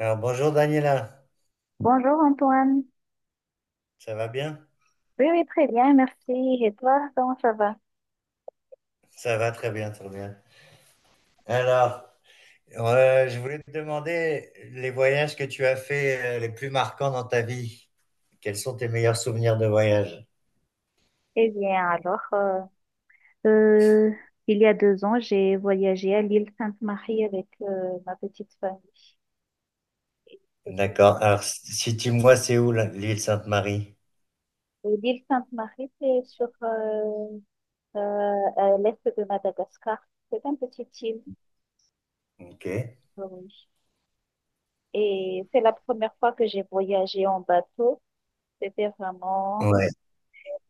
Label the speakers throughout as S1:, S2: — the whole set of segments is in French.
S1: Alors, bonjour Daniela,
S2: Bonjour Antoine.
S1: ça va bien?
S2: Oui, oui, très bien, merci. Et toi, comment ça va?
S1: Ça va très bien, très bien. Alors, je voulais te demander les voyages que tu as faits, les plus marquants dans ta vie. Quels sont tes meilleurs souvenirs de voyage?
S2: Eh bien, alors, euh, il y a deux ans, j'ai voyagé à l'île Sainte-Marie avec ma petite famille.
S1: D'accord. Alors, si tu moi c'est où là l'île Sainte-Marie?
S2: Et l'île Sainte-Marie, c'est sur euh, à l'est de Madagascar. C'est un petit île.
S1: Ok.
S2: Oui. Et c'est la première fois que j'ai voyagé en bateau. C'était vraiment...
S1: Ouais.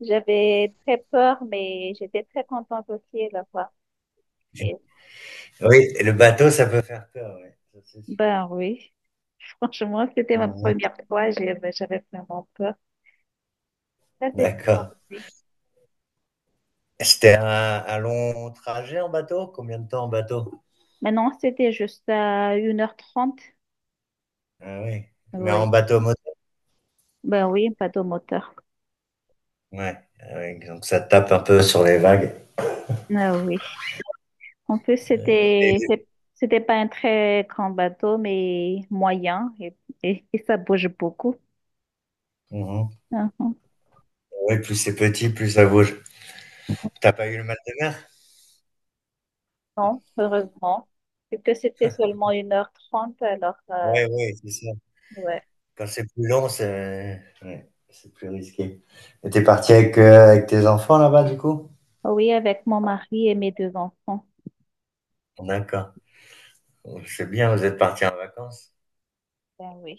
S2: J'avais très peur, mais j'étais très contente aussi à la fois. Et-
S1: Oui, le bateau, ça peut faire peur, oui, ça c'est sûr.
S2: Ben oui. Franchement, c'était ma
S1: Mhm.
S2: première fois, j'avais vraiment peur. Ça, c'était
S1: D'accord.
S2: parfait.
S1: C'était un long trajet en bateau? Combien de temps en bateau?
S2: Maintenant, c'était juste à 1h30.
S1: Ah oui. Mais en
S2: Oui.
S1: bateau.
S2: Ben oui, pas de moteur.
S1: Ouais, ah ouais, donc ça tape un peu sur les vagues.
S2: Ah oui. En plus, c'était
S1: Et-
S2: c'est- c'était pas un très grand bateau, mais moyen et, et ça bouge beaucoup.
S1: Mhm.
S2: Ah, ah.
S1: Ouais, plus c'est petit, plus ça bouge. T'as pas eu le mal de mer?
S2: Non, heureusement. Vu que c'était seulement une heure trente alors
S1: Ouais, ouais, c'est ça.
S2: ouais.
S1: Quand c'est plus long, c'est, ouais, c'est plus risqué. Et t'es parti avec, avec tes enfants là-bas, du coup?
S2: Oui, avec mon mari et mes deux enfants.
S1: D'accord. C'est bien, vous êtes parti en vacances.
S2: Ben oui.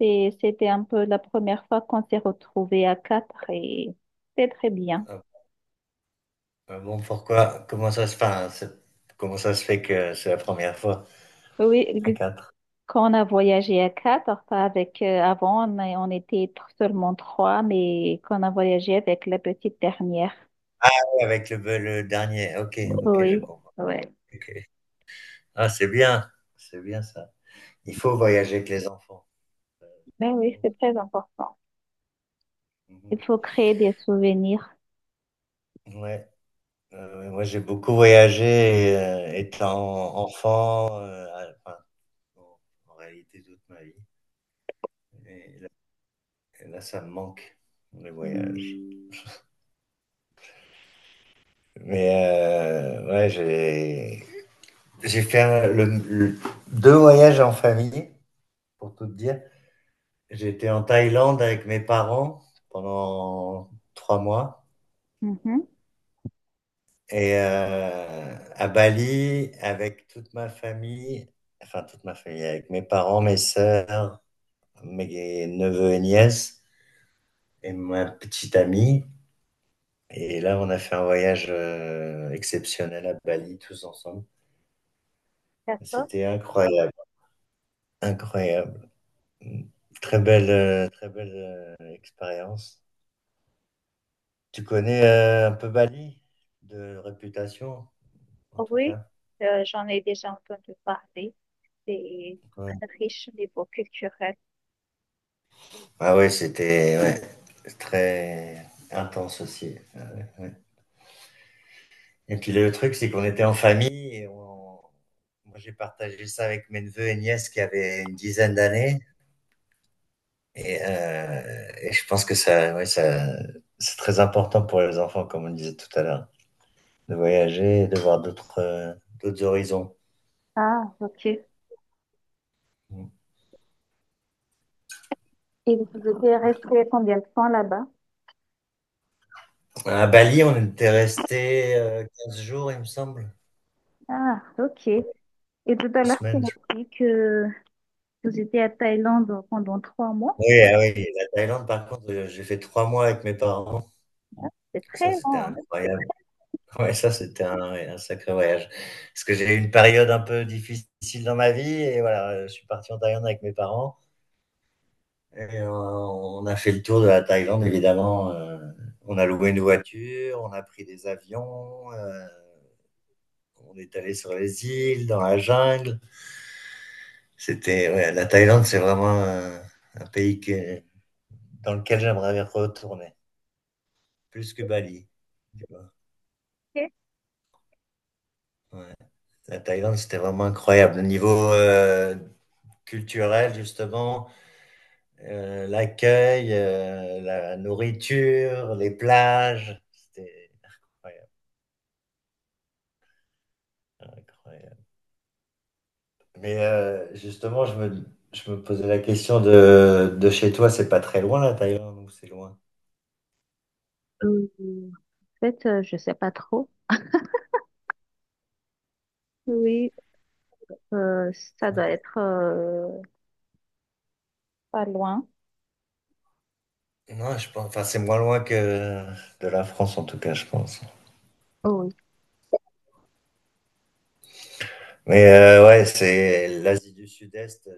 S2: Et c'était un peu la première fois qu'on s'est retrouvés à quatre et c'était très bien.
S1: Ah, ah, bon, pourquoi? Comment ça se passe? Comment ça se fait que c'est la première fois
S2: Oui,
S1: à
S2: g-
S1: quatre?
S2: quand on a voyagé à quatre, pas avec, avant, on, a- on était tr- seulement trois, mais quand on a voyagé avec la petite dernière.
S1: Ah, avec le dernier. Ok, ok, je
S2: Oui,
S1: comprends.
S2: ouais.
S1: Ok. Ah, c'est bien ça. Il faut voyager avec les enfants. Euh,
S2: Ben
S1: C'est
S2: oui,
S1: bon,
S2: c'est très important.
S1: ça. Mhm.
S2: Il faut créer des souvenirs.
S1: Ouais. Moi, j'ai beaucoup voyagé, étant enfant, enfin, en en réalité toute ma vie. Et et là, ça me manque, les voyages. Mais ouais, j'ai fait deux voyages en famille, pour tout te dire. J'étais en Thaïlande avec mes parents pendant 3 mois.
S2: Mhm.
S1: Et à Bali, avec toute ma famille, enfin toute ma famille, avec mes parents, mes sœurs, mes neveux et nièces, et ma petite amie. Et là, on a fait un voyage, exceptionnel à Bali, tous ensemble.
S2: D'accord.
S1: C'était incroyable, incroyable. Très belle expérience. Tu connais, un peu Bali, de réputation, en tout
S2: Oui,
S1: cas.
S2: j'en ai déjà entendu parler. C'est
S1: Ouais.
S2: riche au niveau culturel.
S1: Ah ouais, c'était, ouais, très intense aussi. Ah ouais, ouais. Et puis le truc, c'est qu'on était en famille et moi j'ai partagé ça avec mes neveux et nièces qui avaient une dizaine d'années. Et je pense que ça, ouais, ça, c'est très important pour les enfants, comme on disait tout à l'heure, de voyager, et de voir d'autres horizons.
S2: Ah, ok. Et vous étiez resté combien de temps là-bas?
S1: À Bali, on était resté, 15 jours, il me semble,
S2: Ah, ok. Et tout à
S1: deux
S2: l'heure, tu
S1: semaines.
S2: m'as
S1: Je
S2: dit que vous étiez à Thaïlande pendant trois mois.
S1: Oui, ah oui, la Thaïlande, par contre, j'ai fait 3 mois avec mes parents.
S2: C'est très
S1: Ça, c'était
S2: long, hein.
S1: incroyable. Ouais, ça, c'était un, ouais, un sacré voyage. Parce que j'ai eu une période un peu difficile dans ma vie et voilà, je suis parti en Thaïlande avec mes parents et on a fait le tour de la Thaïlande, évidemment. On a loué une voiture, on a pris des avions, on est allé sur les îles, dans la jungle. C'était, ouais, la Thaïlande, c'est vraiment un, pays dans lequel j'aimerais retourner, plus que Bali, tu vois.
S2: Ok.
S1: La Thaïlande, c'était vraiment incroyable. Au niveau, culturel, justement, l'accueil, la nourriture, les plages. C'était incroyable, incroyable. Mais justement, je me posais la question de chez toi, c'est pas très loin la Thaïlande ou c'est loin?
S2: Euh, en fait, je sais pas trop. Oui, euh, ça doit être pas loin.
S1: Non, je pense, enfin, c'est moins loin que de la France, en tout cas, je pense.
S2: Oh oui.
S1: Mais ouais, c'est l'Asie du Sud-Est,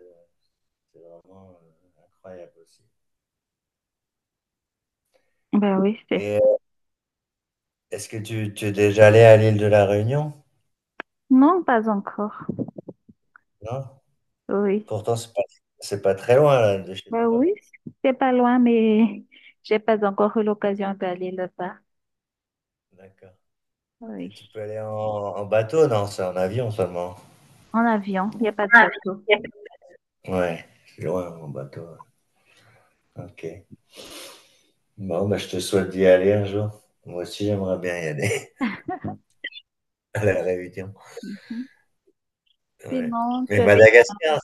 S1: c'est vraiment incroyable aussi.
S2: Ben oui, c'est
S1: Et
S2: ça.
S1: est-ce que tu es déjà allé à l'île de la Réunion?
S2: Non, pas encore.
S1: Non?
S2: Oui.
S1: Pourtant, c'est pas très loin là, de chez
S2: Ben
S1: toi.
S2: oui, c'est pas loin, mais j'ai pas encore eu l'occasion d'aller là-bas.
S1: D'accord. Et
S2: Oui.
S1: tu peux aller en bateau? Non, c'est en avion seulement.
S2: En avion, il n'y a pas de bateau.
S1: Ouais, c'est loin en bateau. Ok. Bon, bah, je te souhaite d'y aller un jour. Moi aussi, j'aimerais bien y aller à la Réunion.
S2: Mhm.
S1: Ouais.
S2: Sinon, tu
S1: Mais
S2: as des...
S1: Madagascar,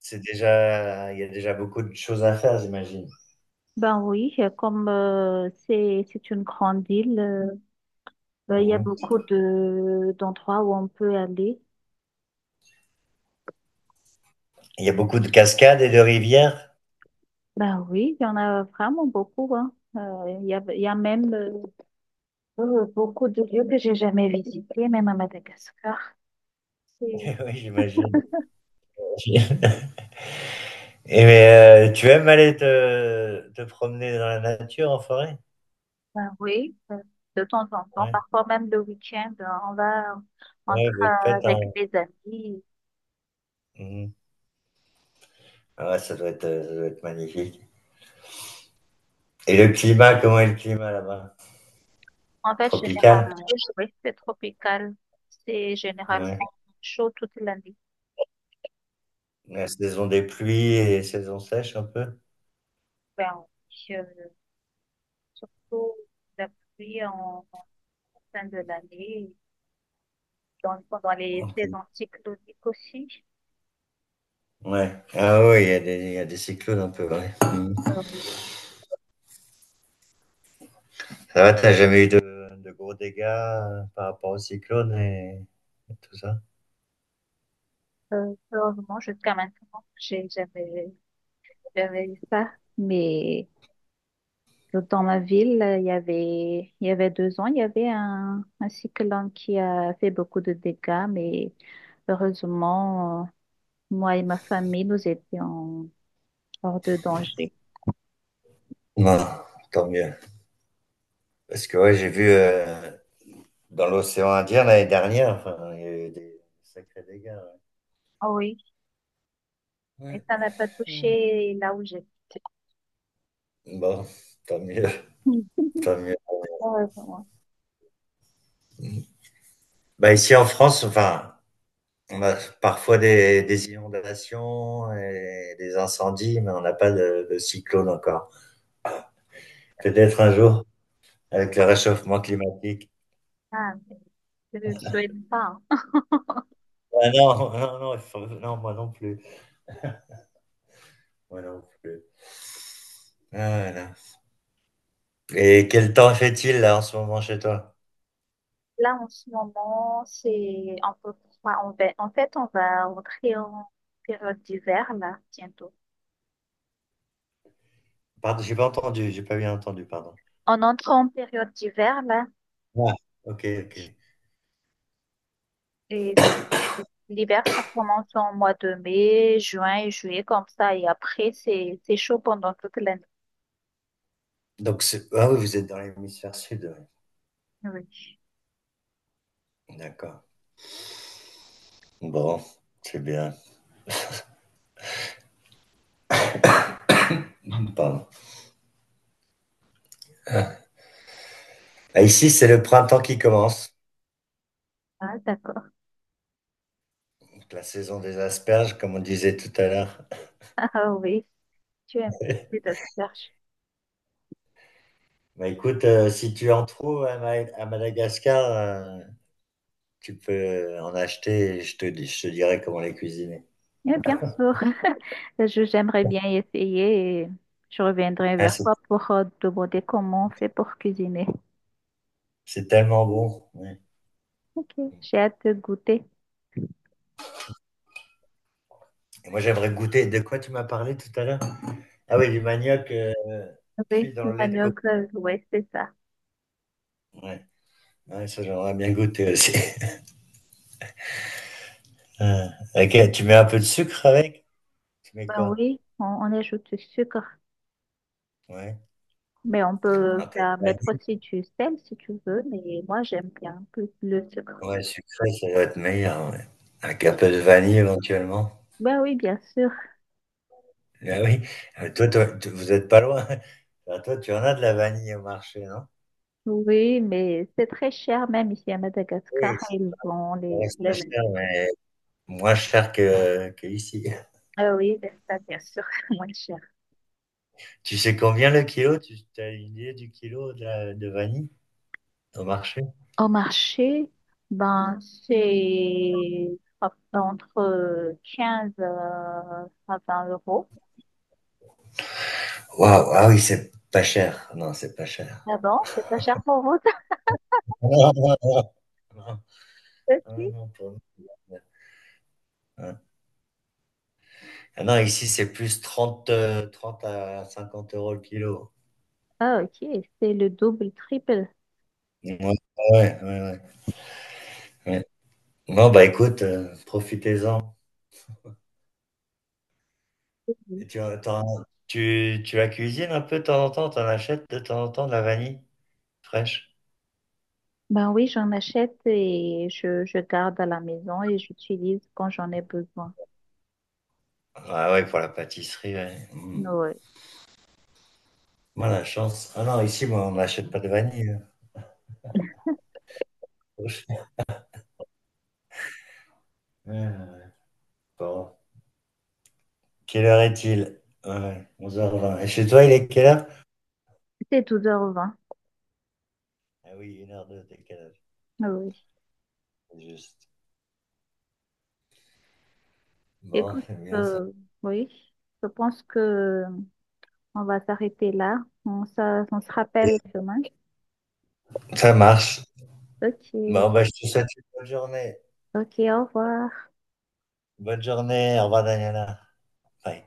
S1: c'est déjà, il y a déjà beaucoup de choses à faire, j'imagine.
S2: Ben oui, comme c'est une grande île, ben, il y a
S1: Mhm.
S2: beaucoup de d'endroits où on peut aller.
S1: Il y a beaucoup de cascades et de rivières.
S2: Ben oui, il y en a vraiment beaucoup, hein. Il y a, même beaucoup de lieux que j'ai jamais visités, même à Madagascar. C'est-
S1: Oui, j'imagine. Et mais, tu aimes aller te promener dans la nature, en forêt?
S2: Ben oui, de temps en temps,
S1: Ouais.
S2: parfois même le week-end, on va entre
S1: Ouais, vous le faites
S2: avec des amis.
S1: Mhm. Ah ouais, ça doit être magnifique. Et le climat, comment est le climat là-bas?
S2: En fait,
S1: Tropical?
S2: généralement, oui, c'est tropical. C'est généralement
S1: Ouais.
S2: chaud toute l'année.
S1: La saison des pluies et saison sèche un peu?
S2: Ben, oui, surtout la pluie en, en fin de l'année, dans, pendant les
S1: Ok.
S2: saisons cycloniques aussi.
S1: Ouais. Ah oui, il y a des cyclones un peu, ouais.
S2: Oui.
S1: Ça va, t'as jamais eu de gros dégâts, par rapport aux cyclones et tout ça?
S2: Heureusement, jusqu'à maintenant, j'ai jamais, jamais eu ça. Mais dans ma ville, il y avait deux ans, il y avait un cyclone qui a fait beaucoup de dégâts, mais heureusement, moi et ma famille, nous étions hors de danger.
S1: Non, tant mieux. Parce que ouais, j'ai vu, dans l'océan Indien l'année dernière, enfin, il y a eu des sacrés dégâts.
S2: Ah oui, mais
S1: Ouais.
S2: ça
S1: Ouais.
S2: n'a pas
S1: Mm.
S2: touché là où j'habite.
S1: Bon, tant mieux,
S2: Hmm.
S1: tant mieux.
S2: Heureusement.
S1: Bah ici en France, enfin, on a parfois des inondations et des incendies, mais on n'a pas de cyclone encore. Peut-être un jour, avec le réchauffement climatique.
S2: Ah, mais je ne le souhaite pas.
S1: Ah non, non, non, non, moi non plus. Moi non plus. Ah, voilà. Et quel temps fait-il là en ce moment chez toi?
S2: Là, en ce moment, c'est un peu froid. On va- En fait, on va rentrer en période d'hiver, là, bientôt.
S1: Pardon, j'ai pas entendu, j'ai pas bien entendu, pardon.
S2: On entre en période d'hiver, là,
S1: Ah, ok, ok.
S2: et l'hiver, ça commence en mois de mai, juin et juillet, comme ça, et après, c'est chaud pendant toute l'année.
S1: Donc, ah oui, vous êtes dans l'hémisphère sud, ouais.
S2: Oui.
S1: D'accord. Bon, c'est bien. Pardon. Ah, ici, c'est le printemps qui commence,
S2: Ah, d'accord.
S1: donc la saison des asperges, comme on disait tout à l'heure.
S2: Ah oui. Tu aimes cette recherche?
S1: Bah, écoute, si tu en trouves à Madagascar, tu peux en acheter et je te dirai comment les cuisiner.
S2: Eh bien sûr, je j'aimerais bien essayer et je reviendrai
S1: Ah,
S2: vers
S1: c'est
S2: toi pour te demander comment on fait pour cuisiner.
S1: c'est tellement bon, ouais.
S2: Ok, j'ai hâte de goûter.
S1: Et moi, j'aimerais goûter. De quoi tu m'as parlé tout à l'heure? Ah oui, du manioc, cuit
S2: Oui,
S1: dans
S2: le
S1: le lait de coco.
S2: manioc, oui, c'est ça.
S1: Ouais. Ouais, ça, j'aimerais bien goûter aussi. Ah, ok, tu mets un peu de sucre avec? Tu mets
S2: Ben
S1: quoi?
S2: oui, on ajoute du sucre,
S1: Ouais.
S2: mais on peut
S1: Un peu.
S2: mettre aussi du sel si tu veux, mais moi j'aime bien plus le sucre.
S1: Ouais, sucré, ça doit être meilleur, ouais. Avec un peu de vanille éventuellement.
S2: Ben oui, bien sûr.
S1: Ah oui, vous êtes pas loin. Enfin, toi, tu en as de la vanille au marché, non?
S2: Oui, mais c'est très cher, même ici à Madagascar,
S1: Oui,
S2: ils vont
S1: ça reste pas
S2: les...
S1: cher, mais moins cher que ici.
S2: Ah oui, ben ça, bien sûr, moins cher.
S1: Tu sais combien le kilo? Tu as une idée du kilo de vanille au marché?
S2: Au marché, ben, c'est entre 15 à 20 euros.
S1: Waouh, ah oui, c'est pas cher. Non, c'est pas cher.
S2: Ah bon, c'est pas cher pour vous, ça
S1: Non, non, non,
S2: aussi?
S1: non, non, pour nous, ouais. Ah non, ici, c'est plus 30, 30 à 50 euros le kilo.
S2: Ah, ok, c'est le double, triple.
S1: Ouais, ouais, ouais, ouais, ouais. Non, bah écoute, profitez-en.
S2: Oui.
S1: Et tu la cuisines un peu de temps en temps, t'en achètes de temps en temps de la vanille fraîche.
S2: Ben oui, j'en achète et je garde à la maison et j'utilise quand j'en ai besoin.
S1: Ah ouais, pour la pâtisserie, ouais. Mm.
S2: Oui,
S1: Moi, la chance. Ah non, ici, moi, on n'achète pas de vanille, hein. Au ch- Ouais, ouais, ouais. Bon. Quelle heure est-il? Ouais, 11h20. Et chez toi, il est quelle heure?
S2: c'est 12h20.
S1: Ah oui, une heure 02 décalage.
S2: Oui.
S1: C'est juste. Bon,
S2: Écoute,
S1: c'est bien ça.
S2: euh, oui, je pense que on va s'arrêter là. On se rappelle demain.
S1: Ça marche.
S2: Ok,
S1: Bon, bah, je te souhaite une bonne journée.
S2: ok, au revoir.
S1: Bonne journée. Au revoir, Daniela. Bye.